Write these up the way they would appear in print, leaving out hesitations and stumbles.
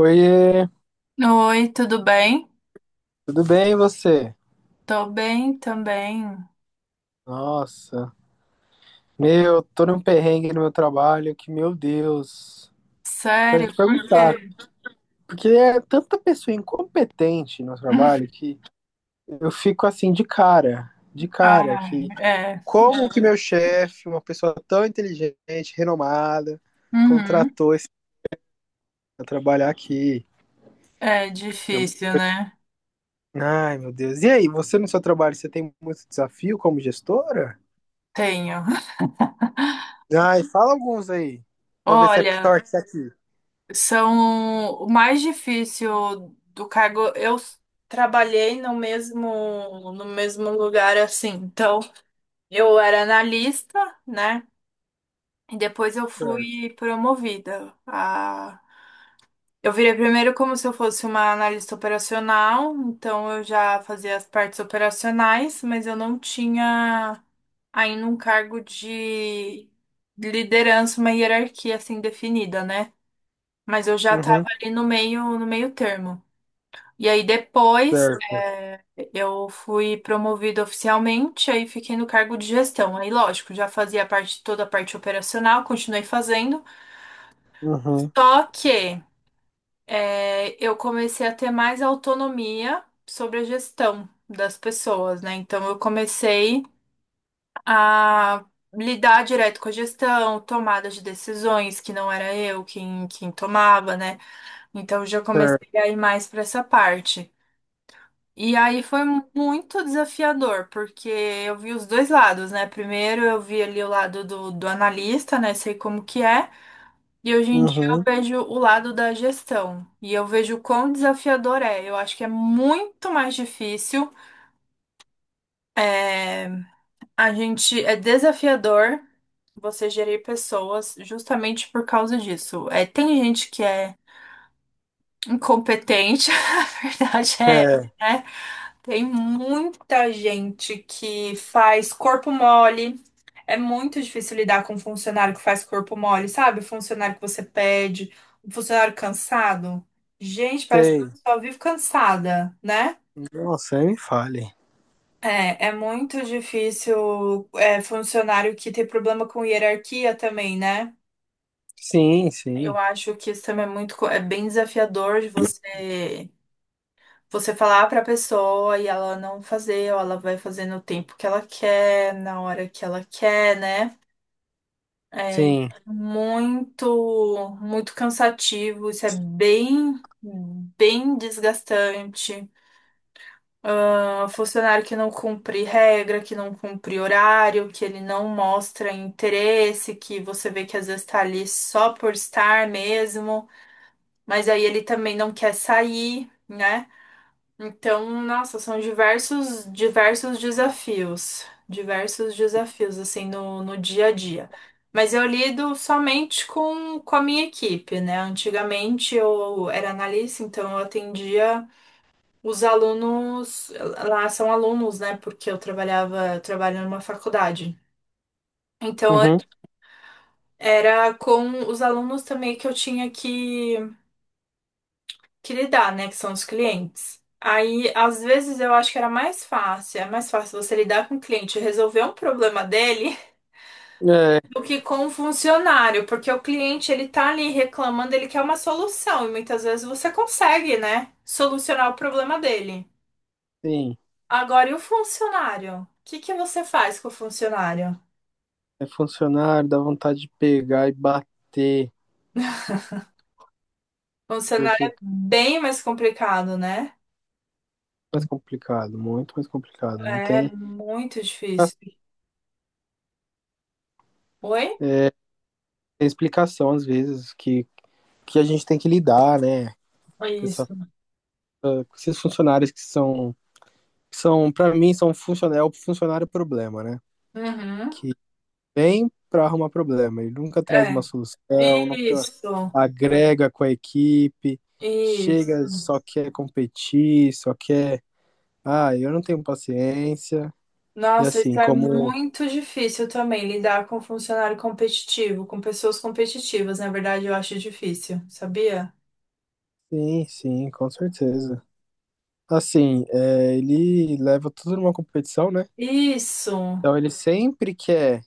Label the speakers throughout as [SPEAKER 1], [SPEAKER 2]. [SPEAKER 1] Oiê,
[SPEAKER 2] Oi, tudo bem?
[SPEAKER 1] tudo bem e você?
[SPEAKER 2] Tô bem também.
[SPEAKER 1] Nossa, meu, tô num perrengue no meu trabalho que, meu Deus, quero
[SPEAKER 2] Sério,
[SPEAKER 1] te
[SPEAKER 2] por
[SPEAKER 1] perguntar,
[SPEAKER 2] quê?
[SPEAKER 1] porque é tanta pessoa incompetente no trabalho que eu fico assim de cara,
[SPEAKER 2] Ah,
[SPEAKER 1] que
[SPEAKER 2] é.
[SPEAKER 1] como que meu chefe, uma pessoa tão inteligente, renomada,
[SPEAKER 2] Uhum.
[SPEAKER 1] contratou esse pra trabalhar aqui?
[SPEAKER 2] É difícil, né?
[SPEAKER 1] Ai, meu Deus. E aí, você no seu trabalho, você tem muito desafio como gestora?
[SPEAKER 2] Tenho.
[SPEAKER 1] Ai, fala alguns aí, pra eu ver se é pior
[SPEAKER 2] Olha,
[SPEAKER 1] que isso aqui.
[SPEAKER 2] são o mais difícil do cargo. Trabalhei no mesmo lugar assim. Então, eu era analista, né? E depois eu
[SPEAKER 1] Certo.
[SPEAKER 2] fui promovida. Eu virei primeiro como se eu fosse uma analista operacional, então eu já fazia as partes operacionais, mas eu não tinha ainda um cargo de liderança, uma hierarquia assim definida, né? Mas eu já estava
[SPEAKER 1] Uhum.
[SPEAKER 2] ali no meio, no meio termo. E aí depois
[SPEAKER 1] Certo.
[SPEAKER 2] eu fui promovida oficialmente, aí fiquei no cargo de gestão. Aí, lógico, já fazia parte, toda a parte operacional, continuei fazendo.
[SPEAKER 1] Uhum.
[SPEAKER 2] Só que eu comecei a ter mais autonomia sobre a gestão das pessoas, né? Então eu comecei a lidar direto com a gestão, tomada de decisões que não era eu quem tomava, né? Então eu já
[SPEAKER 1] Certo.
[SPEAKER 2] comecei a ir mais para essa parte. E aí foi muito desafiador, porque eu vi os dois lados, né? Primeiro eu vi ali o lado do analista, né? Sei como que é. E hoje em dia eu
[SPEAKER 1] Uhum.
[SPEAKER 2] vejo o lado da gestão e eu vejo o quão desafiador é. Eu acho que é muito mais difícil. é, A gente é desafiador você gerir pessoas justamente por causa disso. É, tem gente que é incompetente, a verdade é,
[SPEAKER 1] É,
[SPEAKER 2] né? Tem muita gente que faz corpo mole. É muito difícil lidar com um funcionário que faz corpo mole, sabe? O funcionário que você pede, um funcionário cansado. Gente, parece que a
[SPEAKER 1] sei.
[SPEAKER 2] pessoa vive cansada, né?
[SPEAKER 1] Nossa, aí me fale.
[SPEAKER 2] É, é muito difícil, funcionário que tem problema com hierarquia também, né?
[SPEAKER 1] Sim,
[SPEAKER 2] Eu
[SPEAKER 1] sim.
[SPEAKER 2] acho que isso também é muito, é bem desafiador de você Você falar pra pessoa e ela não fazer, ou ela vai fazer no tempo que ela quer, na hora que ela quer, né? É
[SPEAKER 1] Sim.
[SPEAKER 2] muito, muito cansativo, isso é bem, bem desgastante. Ah, funcionário que não cumpre regra, que não cumpre horário, que ele não mostra interesse, que você vê que às vezes tá ali só por estar mesmo, mas aí ele também não quer sair, né? Então, nossa, são diversos, diversos desafios, assim, no, no dia a dia. Mas eu lido somente com a minha equipe, né? Antigamente eu era analista, então eu atendia os alunos, lá são alunos, né? Porque eu trabalhava, eu trabalho numa faculdade. Então,
[SPEAKER 1] Uhum.
[SPEAKER 2] era com os alunos também que eu tinha que lidar, né? Que são os clientes. Aí, às vezes, eu acho que era mais fácil, é mais fácil você lidar com o cliente e resolver um problema dele
[SPEAKER 1] É,
[SPEAKER 2] do que com o funcionário, porque o cliente, ele tá ali reclamando, ele quer uma solução, e muitas vezes você consegue, né, solucionar o problema dele.
[SPEAKER 1] sim.
[SPEAKER 2] Agora, e o funcionário? O que que você faz com o funcionário?
[SPEAKER 1] É funcionário, dá vontade de pegar e bater,
[SPEAKER 2] O funcionário
[SPEAKER 1] porque é
[SPEAKER 2] é bem mais complicado, né?
[SPEAKER 1] mais complicado, muito mais complicado. Não
[SPEAKER 2] É
[SPEAKER 1] tem,
[SPEAKER 2] muito difícil. Oi?
[SPEAKER 1] tem explicação, às vezes, que a gente tem que lidar, né? Com,
[SPEAKER 2] Isso.
[SPEAKER 1] com esses funcionários que são, são para mim, são funcionário, é o funcionário problema, né?
[SPEAKER 2] Uhum.
[SPEAKER 1] Vem para arrumar problema. Ele nunca traz uma
[SPEAKER 2] É.
[SPEAKER 1] solução, nunca
[SPEAKER 2] Isso.
[SPEAKER 1] agrega com a equipe, chega,
[SPEAKER 2] Isso.
[SPEAKER 1] só quer competir, só quer. Ah, eu não tenho paciência. E
[SPEAKER 2] Nossa, isso
[SPEAKER 1] assim,
[SPEAKER 2] é
[SPEAKER 1] como.
[SPEAKER 2] muito difícil também, lidar com funcionário competitivo, com pessoas competitivas. Na verdade, eu acho difícil, sabia?
[SPEAKER 1] Sim, sim, com certeza. Assim, é, ele leva tudo numa competição, né?
[SPEAKER 2] Isso,
[SPEAKER 1] Então ele sempre quer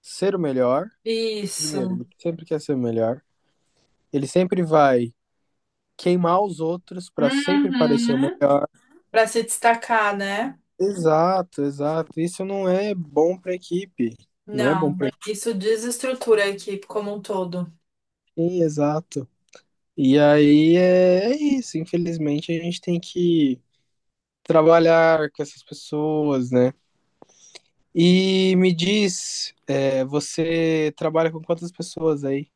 [SPEAKER 1] ser o melhor. Primeiro,
[SPEAKER 2] isso.
[SPEAKER 1] ele sempre quer ser o melhor. Ele sempre vai queimar os outros para sempre parecer o
[SPEAKER 2] Uhum.
[SPEAKER 1] melhor.
[SPEAKER 2] Para se destacar, né?
[SPEAKER 1] Exato, exato. Isso não é bom para equipe. Não é bom
[SPEAKER 2] Não,
[SPEAKER 1] para
[SPEAKER 2] isso desestrutura a equipe como um todo.
[SPEAKER 1] equipe, exato. E aí é, é isso. Infelizmente, a gente tem que trabalhar com essas pessoas, né? E me diz, é, você trabalha com quantas pessoas aí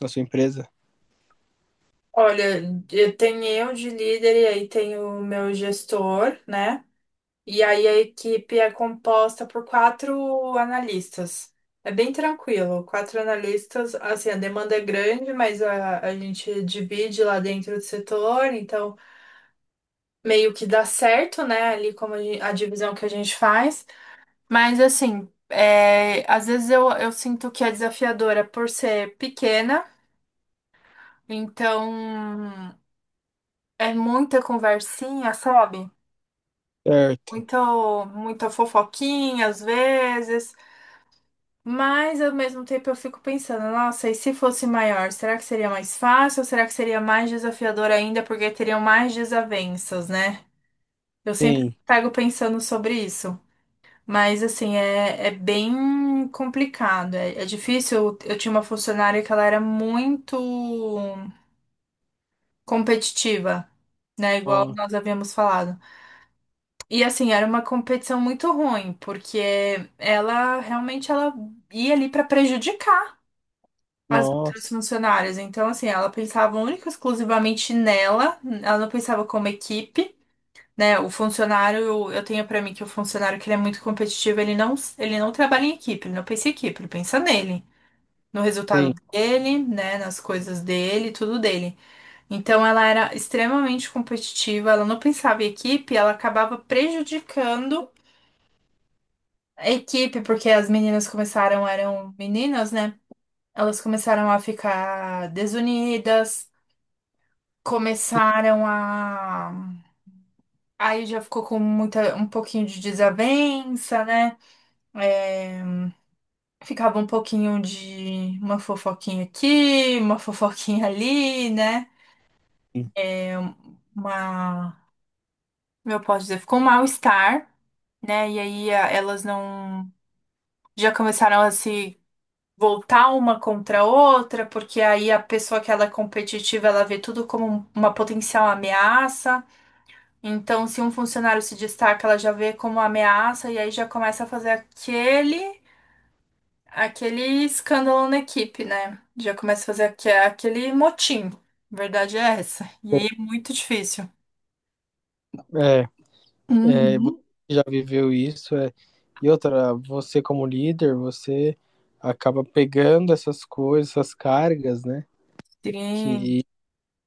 [SPEAKER 1] na sua empresa?
[SPEAKER 2] Olha, eu tenho eu de líder e aí tem o meu gestor, né? E aí a equipe é composta por quatro analistas. É bem tranquilo, quatro analistas, assim, a demanda é grande, mas a gente divide lá dentro do setor, então meio que dá certo, né, ali como a divisão que a gente faz. Mas assim, é, às vezes eu sinto que é desafiadora por ser pequena, então é muita conversinha, sabe?
[SPEAKER 1] Certo.
[SPEAKER 2] Muito, muita fofoquinha às vezes. Mas ao mesmo tempo eu fico pensando, nossa, e se fosse maior, será que seria mais fácil ou será que seria mais desafiador ainda porque teriam mais desavenças, né? Eu sempre
[SPEAKER 1] Sim.
[SPEAKER 2] pego pensando sobre isso. Mas assim, é, é bem complicado. É, é difícil. Eu tinha uma funcionária que ela era muito competitiva, né? Igual
[SPEAKER 1] Ó,
[SPEAKER 2] nós havíamos falado. E assim, era uma competição muito ruim, porque ela realmente ela ia ali para prejudicar as outras
[SPEAKER 1] nossa,
[SPEAKER 2] funcionárias. Então, assim, ela pensava única e exclusivamente nela, ela não pensava como equipe. Né, o funcionário, eu tenho pra mim que o funcionário que ele é muito competitivo, ele não trabalha em equipe, ele não pensa em equipe, ele pensa nele, no
[SPEAKER 1] sim.
[SPEAKER 2] resultado dele, né, nas coisas dele, tudo dele. Então ela era extremamente competitiva, ela não pensava em equipe, ela acabava prejudicando a equipe, porque as meninas começaram, eram meninas, né? Elas começaram a ficar desunidas, começaram a. Aí já ficou com muita, um pouquinho de desavença, né? É, ficava um pouquinho de uma fofoquinha aqui, uma fofoquinha ali, né?
[SPEAKER 1] Sim.
[SPEAKER 2] É, Uma. Como Eu posso dizer, ficou um mal-estar, né? E aí elas não. Já começaram a se voltar uma contra a outra, porque aí a pessoa que ela é competitiva, ela vê tudo como uma potencial ameaça. Então, se um funcionário se destaca, ela já vê como ameaça e aí já começa a fazer aquele escândalo na equipe, né? Já começa a fazer aquele motim. Verdade é essa. E aí é muito difícil.
[SPEAKER 1] É, é, você
[SPEAKER 2] Uhum.
[SPEAKER 1] já viveu isso, é. E outra, você como líder, você acaba pegando essas coisas, essas cargas, né?
[SPEAKER 2] Sim.
[SPEAKER 1] Que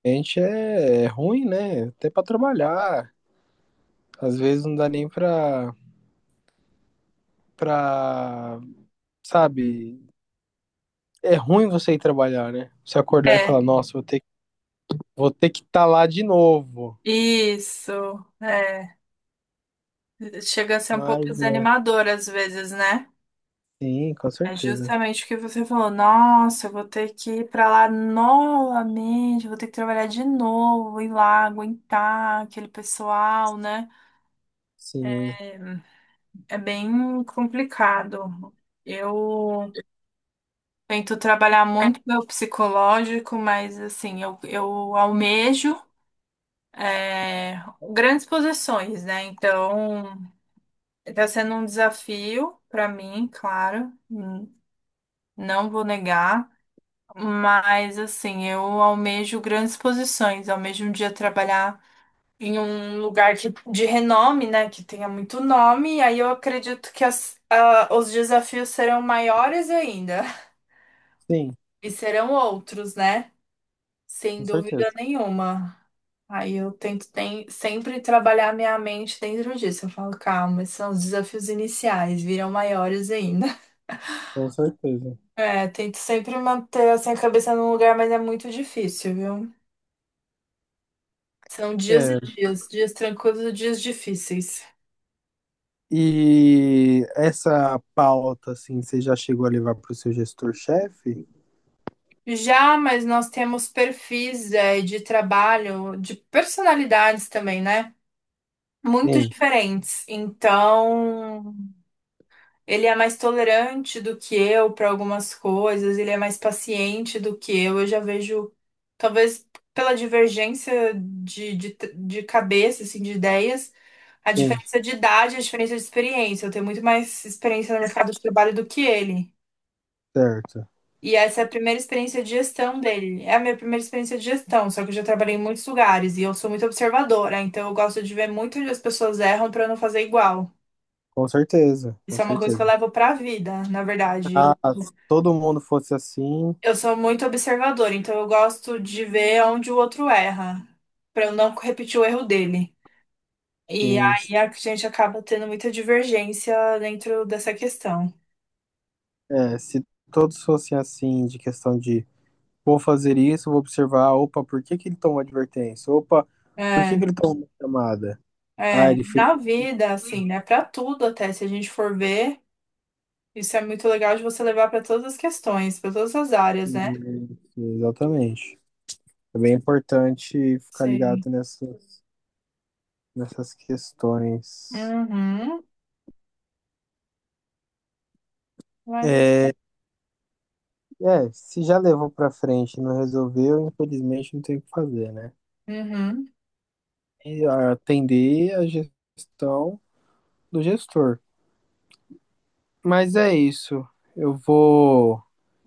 [SPEAKER 1] gente é, é ruim, né? Até para trabalhar. Às vezes não dá nem para para, sabe? É ruim você ir trabalhar, né? Você acordar e
[SPEAKER 2] É,
[SPEAKER 1] falar, nossa, vou ter que estar lá de novo.
[SPEAKER 2] isso. É. Chega a ser um pouco
[SPEAKER 1] Mas é.
[SPEAKER 2] desanimador às vezes, né?
[SPEAKER 1] Sim, com
[SPEAKER 2] É
[SPEAKER 1] certeza.
[SPEAKER 2] justamente o que você falou. Nossa, eu vou ter que ir pra lá novamente, vou ter que trabalhar de novo, ir lá, aguentar aquele pessoal, né?
[SPEAKER 1] Sim,
[SPEAKER 2] É é bem complicado. Eu tento trabalhar muito meu psicológico, mas assim, eu almejo é, grandes posições, né? Então, está sendo um desafio para mim, claro, não vou negar. Mas assim, eu almejo grandes posições, almejo um dia trabalhar em um lugar que, de renome, né, que tenha muito nome, e aí eu acredito que os desafios serão maiores ainda,
[SPEAKER 1] sim,
[SPEAKER 2] e serão outros, né, sem
[SPEAKER 1] com
[SPEAKER 2] dúvida
[SPEAKER 1] certeza.
[SPEAKER 2] nenhuma. Aí eu tento sempre trabalhar minha mente dentro disso. Eu falo, calma, esses são os desafios iniciais, virão maiores ainda.
[SPEAKER 1] Com certeza.
[SPEAKER 2] É, tento sempre manter assim, a cabeça num lugar, mas é muito difícil, viu? São dias e
[SPEAKER 1] É.
[SPEAKER 2] dias, dias tranquilos e dias difíceis.
[SPEAKER 1] E essa pauta, assim, você já chegou a levar para o seu gestor-chefe?
[SPEAKER 2] Já, mas nós temos perfis, de trabalho, de personalidades também, né? Muito
[SPEAKER 1] Sim,
[SPEAKER 2] diferentes. Então, ele é mais tolerante do que eu para algumas coisas, ele é mais paciente do que eu. Eu já vejo, talvez pela divergência de, cabeça, assim, de ideias, a
[SPEAKER 1] sim,
[SPEAKER 2] diferença de idade, a diferença de experiência. Eu tenho muito mais experiência no mercado de trabalho do que ele.
[SPEAKER 1] certo.
[SPEAKER 2] E essa é a primeira experiência de gestão dele. É a minha primeira experiência de gestão, só que eu já trabalhei em muitos lugares e eu sou muito observadora, então eu gosto de ver muito onde as pessoas erram para não fazer igual.
[SPEAKER 1] Com certeza, com
[SPEAKER 2] Isso é uma coisa que eu
[SPEAKER 1] certeza.
[SPEAKER 2] levo para a vida, na
[SPEAKER 1] Ah,
[SPEAKER 2] verdade.
[SPEAKER 1] se todo mundo fosse assim,
[SPEAKER 2] Eu sou muito observadora, então eu gosto de ver onde o outro erra, para eu não repetir o erro dele. E
[SPEAKER 1] sim.
[SPEAKER 2] aí a gente acaba tendo muita divergência dentro dessa questão.
[SPEAKER 1] É, se todos fossem assim, de questão de vou fazer isso, vou observar, opa, por que que ele tomou advertência? Opa, por que que
[SPEAKER 2] É,
[SPEAKER 1] ele tomou uma chamada? Ah,
[SPEAKER 2] é,
[SPEAKER 1] ele fez.
[SPEAKER 2] na vida, assim, né? Para tudo até, se a gente for ver. Isso é muito legal de você levar para todas as questões, para todas as áreas, né?
[SPEAKER 1] Isso, exatamente. É bem importante ficar
[SPEAKER 2] Sim.
[SPEAKER 1] ligado nessas, nessas questões.
[SPEAKER 2] Uhum. Vai.
[SPEAKER 1] É, é, se já levou para frente e não resolveu, infelizmente não tem o que fazer, né?
[SPEAKER 2] Uhum.
[SPEAKER 1] E atender a gestão do gestor. Mas é isso. Eu vou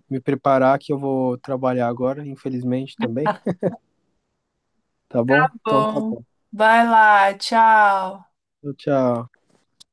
[SPEAKER 1] me preparar que eu vou trabalhar agora, infelizmente também. Tá bom? Então tá
[SPEAKER 2] Bom,
[SPEAKER 1] bom.
[SPEAKER 2] vai lá, tchau.
[SPEAKER 1] Tchau.